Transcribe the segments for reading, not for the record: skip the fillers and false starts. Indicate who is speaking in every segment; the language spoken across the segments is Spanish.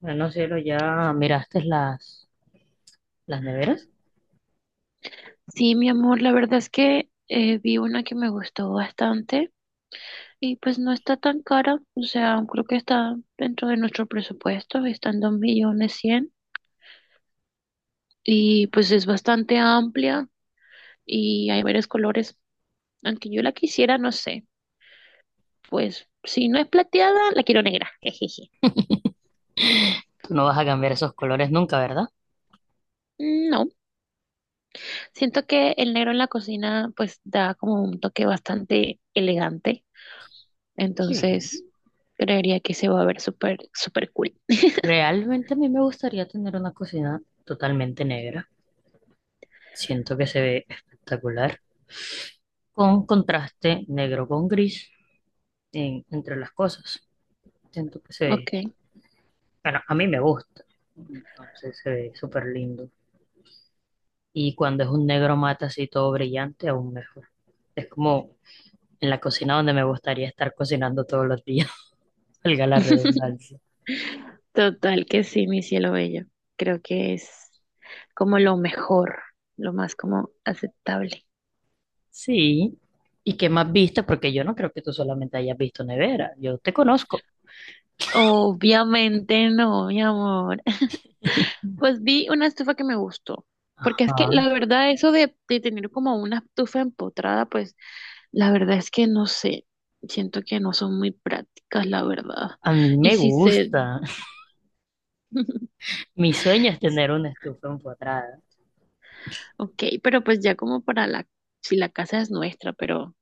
Speaker 1: Bueno, no, cielo, ya miraste las neveras.
Speaker 2: Sí, mi amor, la verdad es que vi una que me gustó bastante y pues no está tan cara, o sea, creo que está dentro de nuestro presupuesto, está en 2.100.000 y pues es bastante amplia y hay varios colores, aunque yo la quisiera, no sé, pues si no es plateada, la quiero negra, jejeje.
Speaker 1: Tú no vas a cambiar esos colores nunca, ¿verdad?
Speaker 2: No, siento que el negro en la cocina pues da como un toque bastante elegante,
Speaker 1: Sí.
Speaker 2: entonces creería que se va a ver súper, súper cool.
Speaker 1: Realmente a mí me gustaría tener una cocina totalmente negra. Siento que se ve espectacular. Con contraste negro con gris entre las cosas. Siento que se ve,
Speaker 2: Ok.
Speaker 1: bueno, a mí me gusta. Entonces se ve súper lindo. Y cuando es un negro mate así todo brillante, aún mejor. Es como en la cocina donde me gustaría estar cocinando todos los días. Valga la redundancia.
Speaker 2: Total que sí, mi cielo bello. Creo que es como lo mejor, lo más como aceptable.
Speaker 1: Sí. ¿Y qué más viste? Porque yo no creo que tú solamente hayas visto nevera. Yo te conozco.
Speaker 2: Obviamente no, mi amor. Pues vi una estufa que me gustó, porque es que
Speaker 1: Ajá.
Speaker 2: la verdad eso de tener como una estufa empotrada, pues la verdad es que no sé. Siento que no son muy prácticas, la verdad.
Speaker 1: A mí
Speaker 2: Y
Speaker 1: me
Speaker 2: si se,
Speaker 1: gusta. Mi sueño es tener una estufa empotrada.
Speaker 2: ok, pero pues ya como para la, si la casa es nuestra, pero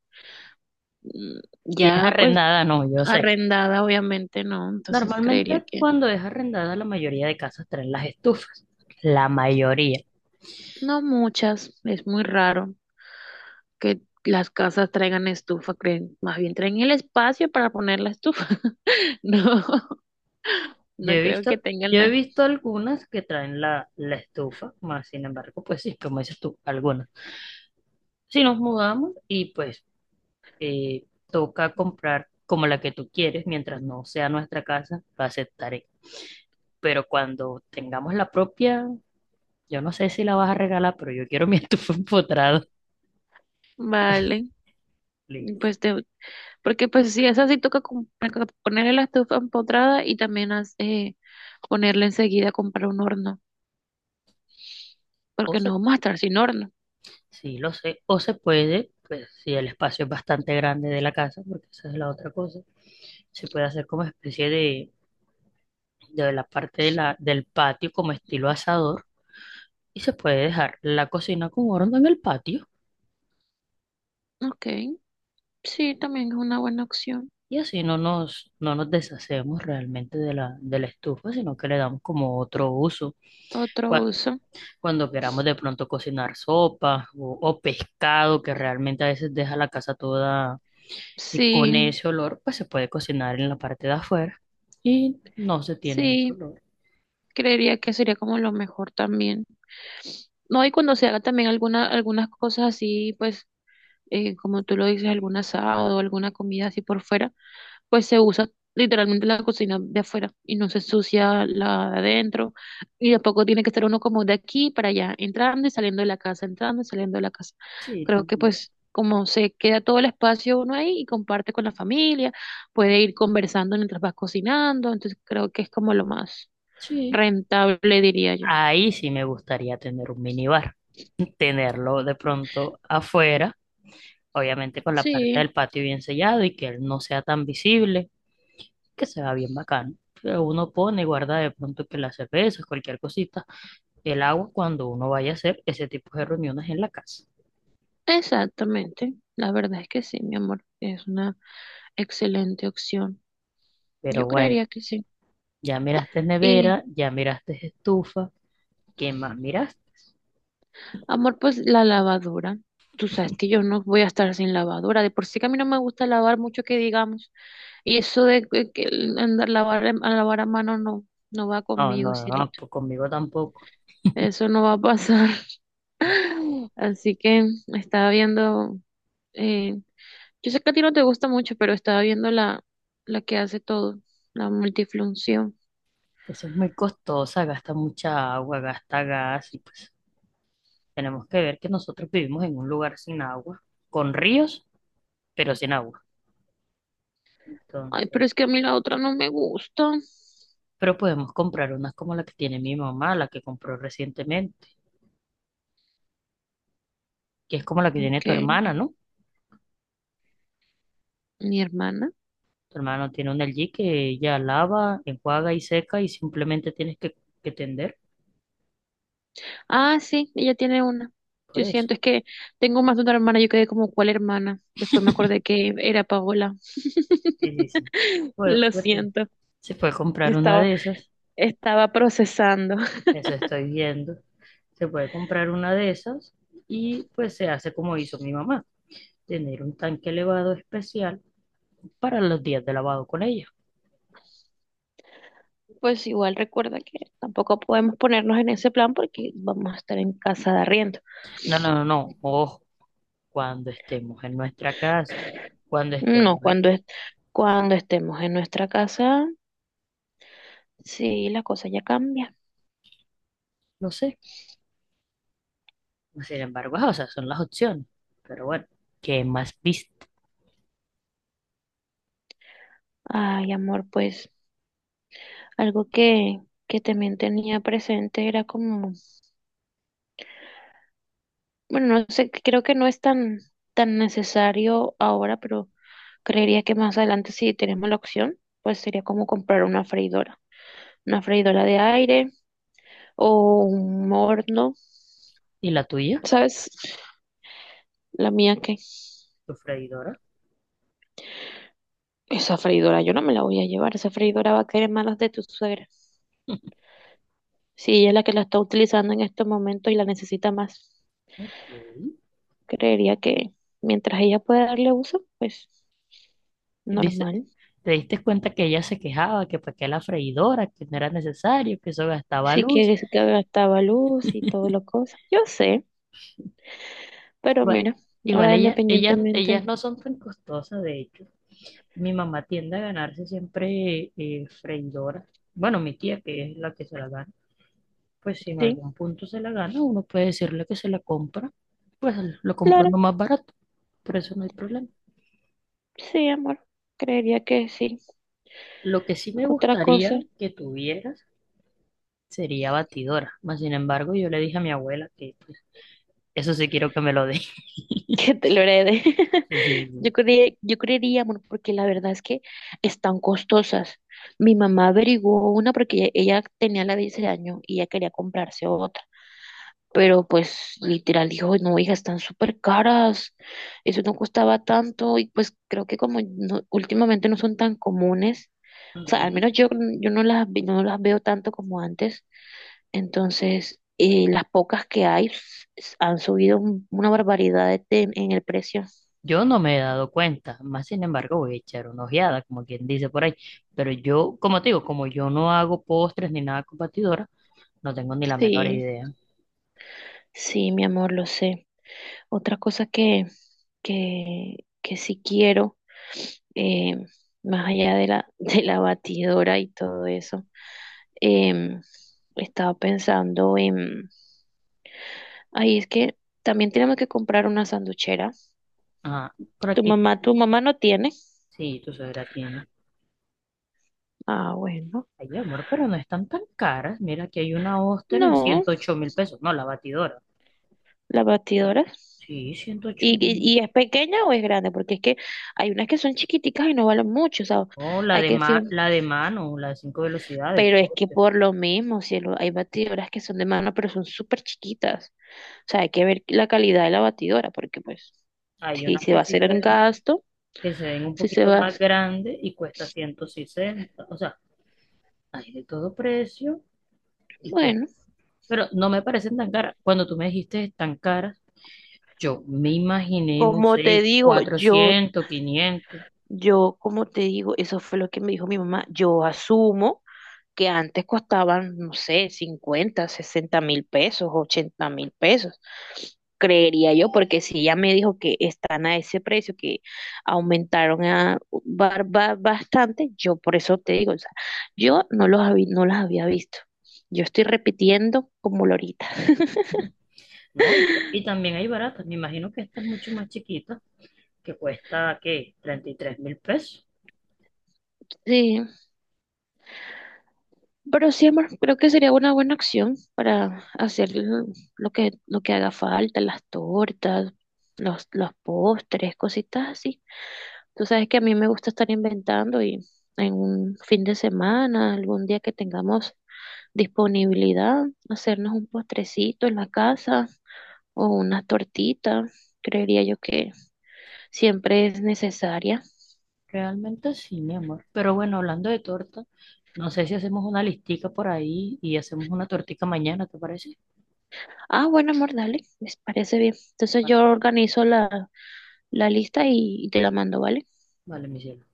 Speaker 2: mm,
Speaker 1: Si es
Speaker 2: ya pues
Speaker 1: arrendada, no, yo sé.
Speaker 2: arrendada, obviamente no, entonces creería
Speaker 1: Normalmente
Speaker 2: que
Speaker 1: cuando es arrendada, la mayoría de casas traen las estufas. La mayoría.
Speaker 2: no muchas, es muy raro que las casas traigan estufa, creen, más bien traen el espacio para poner la estufa. No,
Speaker 1: Yo
Speaker 2: no
Speaker 1: he
Speaker 2: creo que
Speaker 1: visto,
Speaker 2: tengan
Speaker 1: yo he
Speaker 2: la.
Speaker 1: visto algunas que traen la estufa, más sin embargo, pues sí, como dices tú, algunas. Si nos mudamos y pues toca comprar como la que tú quieres, mientras no sea nuestra casa, la aceptaré. Pero cuando tengamos la propia, yo no sé si la vas a regalar, pero yo quiero mi estufa empotrada.
Speaker 2: Vale,
Speaker 1: Listo.
Speaker 2: pues te, porque pues sí, esa sí toca ponerle la estufa empotrada y también ponerle enseguida comprar un horno,
Speaker 1: O
Speaker 2: porque
Speaker 1: se,
Speaker 2: no vamos a estar sin horno.
Speaker 1: sí, lo sé, o se puede, pues si el espacio es bastante grande de la casa, porque esa es la otra cosa, se puede hacer como especie de la parte de del patio como estilo asador y se puede dejar la cocina con horno en el patio.
Speaker 2: Ok, sí, también es una buena opción.
Speaker 1: Y así no nos deshacemos realmente de de la estufa, sino que le damos como otro uso.
Speaker 2: Otro
Speaker 1: Cua-
Speaker 2: uso.
Speaker 1: Cuando queramos de pronto cocinar sopa o pescado, que realmente a veces deja la casa toda y
Speaker 2: Sí,
Speaker 1: con ese olor, pues se puede cocinar en la parte de afuera y no se tiene ese
Speaker 2: sí.
Speaker 1: olor.
Speaker 2: Creería que sería como lo mejor también. No, y cuando se haga también alguna, algunas cosas así, pues, como tú lo dices, algún asado o alguna comida así por fuera, pues se usa literalmente la cocina de afuera y no se sucia la de adentro. Y tampoco tiene que estar uno como de aquí para allá, entrando y saliendo de la casa, entrando y saliendo de la casa.
Speaker 1: Sí,
Speaker 2: Creo que
Speaker 1: también.
Speaker 2: pues como se queda todo el espacio uno ahí y comparte con la familia, puede ir conversando mientras vas cocinando, entonces creo que es como lo más
Speaker 1: Sí.
Speaker 2: rentable, diría yo.
Speaker 1: Ahí sí me gustaría tener un minibar, tenerlo de pronto afuera, obviamente con la parte
Speaker 2: Sí,
Speaker 1: del patio bien sellado y que él no sea tan visible que se va bien bacano. Que uno pone y guarda de pronto que las cervezas, cualquier cosita, el agua cuando uno vaya a hacer ese tipo de reuniones en la casa.
Speaker 2: exactamente. La verdad es que sí, mi amor. Es una excelente opción. Yo
Speaker 1: Pero bueno,
Speaker 2: creería que sí.
Speaker 1: ya miraste
Speaker 2: Y,
Speaker 1: nevera, ya miraste estufa, ¿qué más miraste?
Speaker 2: Amor, pues la lavadora. Tú sabes que yo no voy a estar sin lavadora. De por sí que a mí no me gusta lavar mucho que digamos. Y eso de que el andar a lavar a mano no, no va
Speaker 1: No,
Speaker 2: conmigo,
Speaker 1: no, no,
Speaker 2: cielito.
Speaker 1: pues conmigo tampoco.
Speaker 2: Eso no va a pasar.
Speaker 1: La-
Speaker 2: Así que estaba viendo, eh, yo sé que a ti no te gusta mucho, pero estaba viendo la que hace todo, la multifunción.
Speaker 1: Eso es muy costosa, gasta mucha agua, gasta gas y pues tenemos que ver que nosotros vivimos en un lugar sin agua, con ríos, pero sin agua.
Speaker 2: Ay, pero es
Speaker 1: Entonces,
Speaker 2: que a mí la otra no me gusta.
Speaker 1: pero podemos comprar unas como la que tiene mi mamá, la que compró recientemente que es como la que tiene tu
Speaker 2: Ok,
Speaker 1: hermana, ¿no?
Speaker 2: mi hermana.
Speaker 1: Tu hermana tiene una LG que ella lava, enjuaga y seca y simplemente tienes que tender
Speaker 2: Ah, sí, ella tiene una.
Speaker 1: por
Speaker 2: Yo
Speaker 1: eso.
Speaker 2: siento, es que tengo más de una hermana, yo quedé como, ¿cuál hermana? Después me acordé que era Paola.
Speaker 1: Sí, sí, sí. Pues
Speaker 2: Lo
Speaker 1: después
Speaker 2: siento,
Speaker 1: se puede comprar una
Speaker 2: estaba,
Speaker 1: de esas,
Speaker 2: estaba procesando.
Speaker 1: eso estoy viendo, se puede comprar una de esas y pues se hace como hizo mi mamá, tener un tanque elevado especial para los días de lavado con ella.
Speaker 2: Pues igual recuerda que tampoco podemos ponernos en ese plan porque vamos a estar en casa de arriendo.
Speaker 1: No, no, no, no, ojo, cuando estemos en nuestra casa, cuando
Speaker 2: No,
Speaker 1: estemos, en-
Speaker 2: cuando estemos en nuestra casa, sí, la cosa ya cambia.
Speaker 1: no sé, pues, sin embargo, ajá, o sea, son las opciones. Pero bueno, ¿qué más viste?
Speaker 2: Ay, amor, pues. Algo que también tenía presente era como, bueno, no sé, creo que no es tan, tan necesario ahora, pero creería que más adelante si tenemos la opción, pues sería como comprar una freidora de aire o un horno,
Speaker 1: ¿Y la tuya?
Speaker 2: ¿sabes? La mía que
Speaker 1: Tu freidora.
Speaker 2: esa freidora yo no me la voy a llevar, esa freidora va a caer en manos de tu suegra. Si ella es la que la está utilizando en estos momentos y la necesita más,
Speaker 1: Ok.
Speaker 2: creería que mientras ella pueda darle uso, pues
Speaker 1: ¿Viste?
Speaker 2: normal.
Speaker 1: ¿Te diste cuenta que ella se quejaba que para qué la freidora, que no era necesario, que eso gastaba
Speaker 2: Si
Speaker 1: luz?
Speaker 2: quieres que gastaba luz y todo lo cosa. Yo sé, pero
Speaker 1: Igual,
Speaker 2: mira,
Speaker 1: igual
Speaker 2: ahora
Speaker 1: ella, ella,
Speaker 2: independientemente,
Speaker 1: ellas no son tan costosas, de hecho. Mi mamá tiende a ganarse siempre freidoras. Bueno, mi tía, que es la que se la gana, pues si en
Speaker 2: sí,
Speaker 1: algún punto se la gana, uno puede decirle que se la compra, pues lo compró
Speaker 2: claro,
Speaker 1: lo más barato, por eso no hay problema.
Speaker 2: sí, amor, creería que sí.
Speaker 1: Lo que sí me
Speaker 2: Otra cosa
Speaker 1: gustaría que tuvieras sería batidora. Mas, sin embargo, yo le dije a mi abuela que pues, eso sí quiero que me lo dé.
Speaker 2: que te lo herede.
Speaker 1: Sí, sí,
Speaker 2: Yo
Speaker 1: sí.
Speaker 2: creería, yo creería, amor, porque la verdad es que están costosas. Mi mamá averiguó una porque ella tenía la de ese año y ella quería comprarse otra. Pero pues literal dijo, no, hija, están súper caras, eso no costaba tanto y pues creo que como no- últimamente no son tan comunes, o sea, al
Speaker 1: Ujú.
Speaker 2: menos yo, no las veo tanto como antes, entonces las pocas que hay han subido una barbaridad en el precio.
Speaker 1: Yo no me he dado cuenta, más sin embargo voy a echar una ojeada, como quien dice por ahí. Pero yo, como te digo, como yo no hago postres ni nada con batidora, no tengo ni la menor
Speaker 2: Sí,
Speaker 1: idea.
Speaker 2: sí, mi amor, lo sé. Otra cosa que sí quiero, eh, más allá de la, de la batidora y todo eso. Em, Estaba pensando en, ay, es que también tenemos que comprar una sanduchera.
Speaker 1: Ah, por
Speaker 2: Tu
Speaker 1: aquí,
Speaker 2: mamá, tu mamá no tiene.
Speaker 1: sí, tu suegra tiene.
Speaker 2: Ah, bueno.
Speaker 1: Ay, amor, pero no están tan caras. Mira, que hay una Oster en
Speaker 2: No,
Speaker 1: $108.000. No, la batidora.
Speaker 2: la batidora.
Speaker 1: Sí, ciento ocho
Speaker 2: ¿Y, y,
Speaker 1: mil.
Speaker 2: y es pequeña o es grande? Porque es que hay unas que son chiquiticas y no valen mucho, o sea,
Speaker 1: No,
Speaker 2: hay que decir,
Speaker 1: la de mano, la de 5 velocidades.
Speaker 2: pero es que
Speaker 1: Gloster.
Speaker 2: por lo mismo, cielo, hay batidoras que son de mano, pero son súper chiquitas. O sea, hay que ver la calidad de la batidora, porque pues,
Speaker 1: Hay
Speaker 2: si
Speaker 1: unas
Speaker 2: se va
Speaker 1: que
Speaker 2: a
Speaker 1: sí
Speaker 2: hacer
Speaker 1: se
Speaker 2: el
Speaker 1: ven,
Speaker 2: gasto,
Speaker 1: que se ven un
Speaker 2: si se
Speaker 1: poquito
Speaker 2: va a
Speaker 1: más
Speaker 2: hacer,
Speaker 1: grandes y cuesta 160. O sea, hay de todo precio y pues,
Speaker 2: bueno.
Speaker 1: pero no me parecen tan caras. Cuando tú me dijiste tan caras, yo me imaginé, no
Speaker 2: Como te
Speaker 1: sé,
Speaker 2: digo,
Speaker 1: 400, 500.
Speaker 2: como te digo, eso fue lo que me dijo mi mamá. Yo asumo que antes costaban, no sé, 50 60.000 pesos, 80.000 pesos. Creería yo, porque si ella me dijo que están a ese precio, que aumentaron a, bastante, yo por eso te digo, o sea, yo no los había, no las había visto. Yo estoy repitiendo como lorita.
Speaker 1: No, y también hay baratas. Me imagino que esta es mucho más chiquita, que cuesta, ¿qué? $33.000.
Speaker 2: Sí, pero sí, amor, creo que sería una buena acción para hacer lo que haga falta, las tortas, los postres, cositas así. Tú sabes que a mí me gusta estar inventando y en un fin de semana, algún día que tengamos disponibilidad, hacernos un postrecito en la casa o una tortita, creería yo que siempre es necesaria.
Speaker 1: Realmente sí, mi amor. Pero bueno, hablando de torta, no sé si hacemos una listica por ahí y hacemos una tortica mañana, ¿te parece?
Speaker 2: Ah, bueno, amor, dale, me parece bien. Entonces
Speaker 1: Vale,
Speaker 2: yo organizo la, la lista y te la mando, ¿vale?
Speaker 1: vale, mi cielo.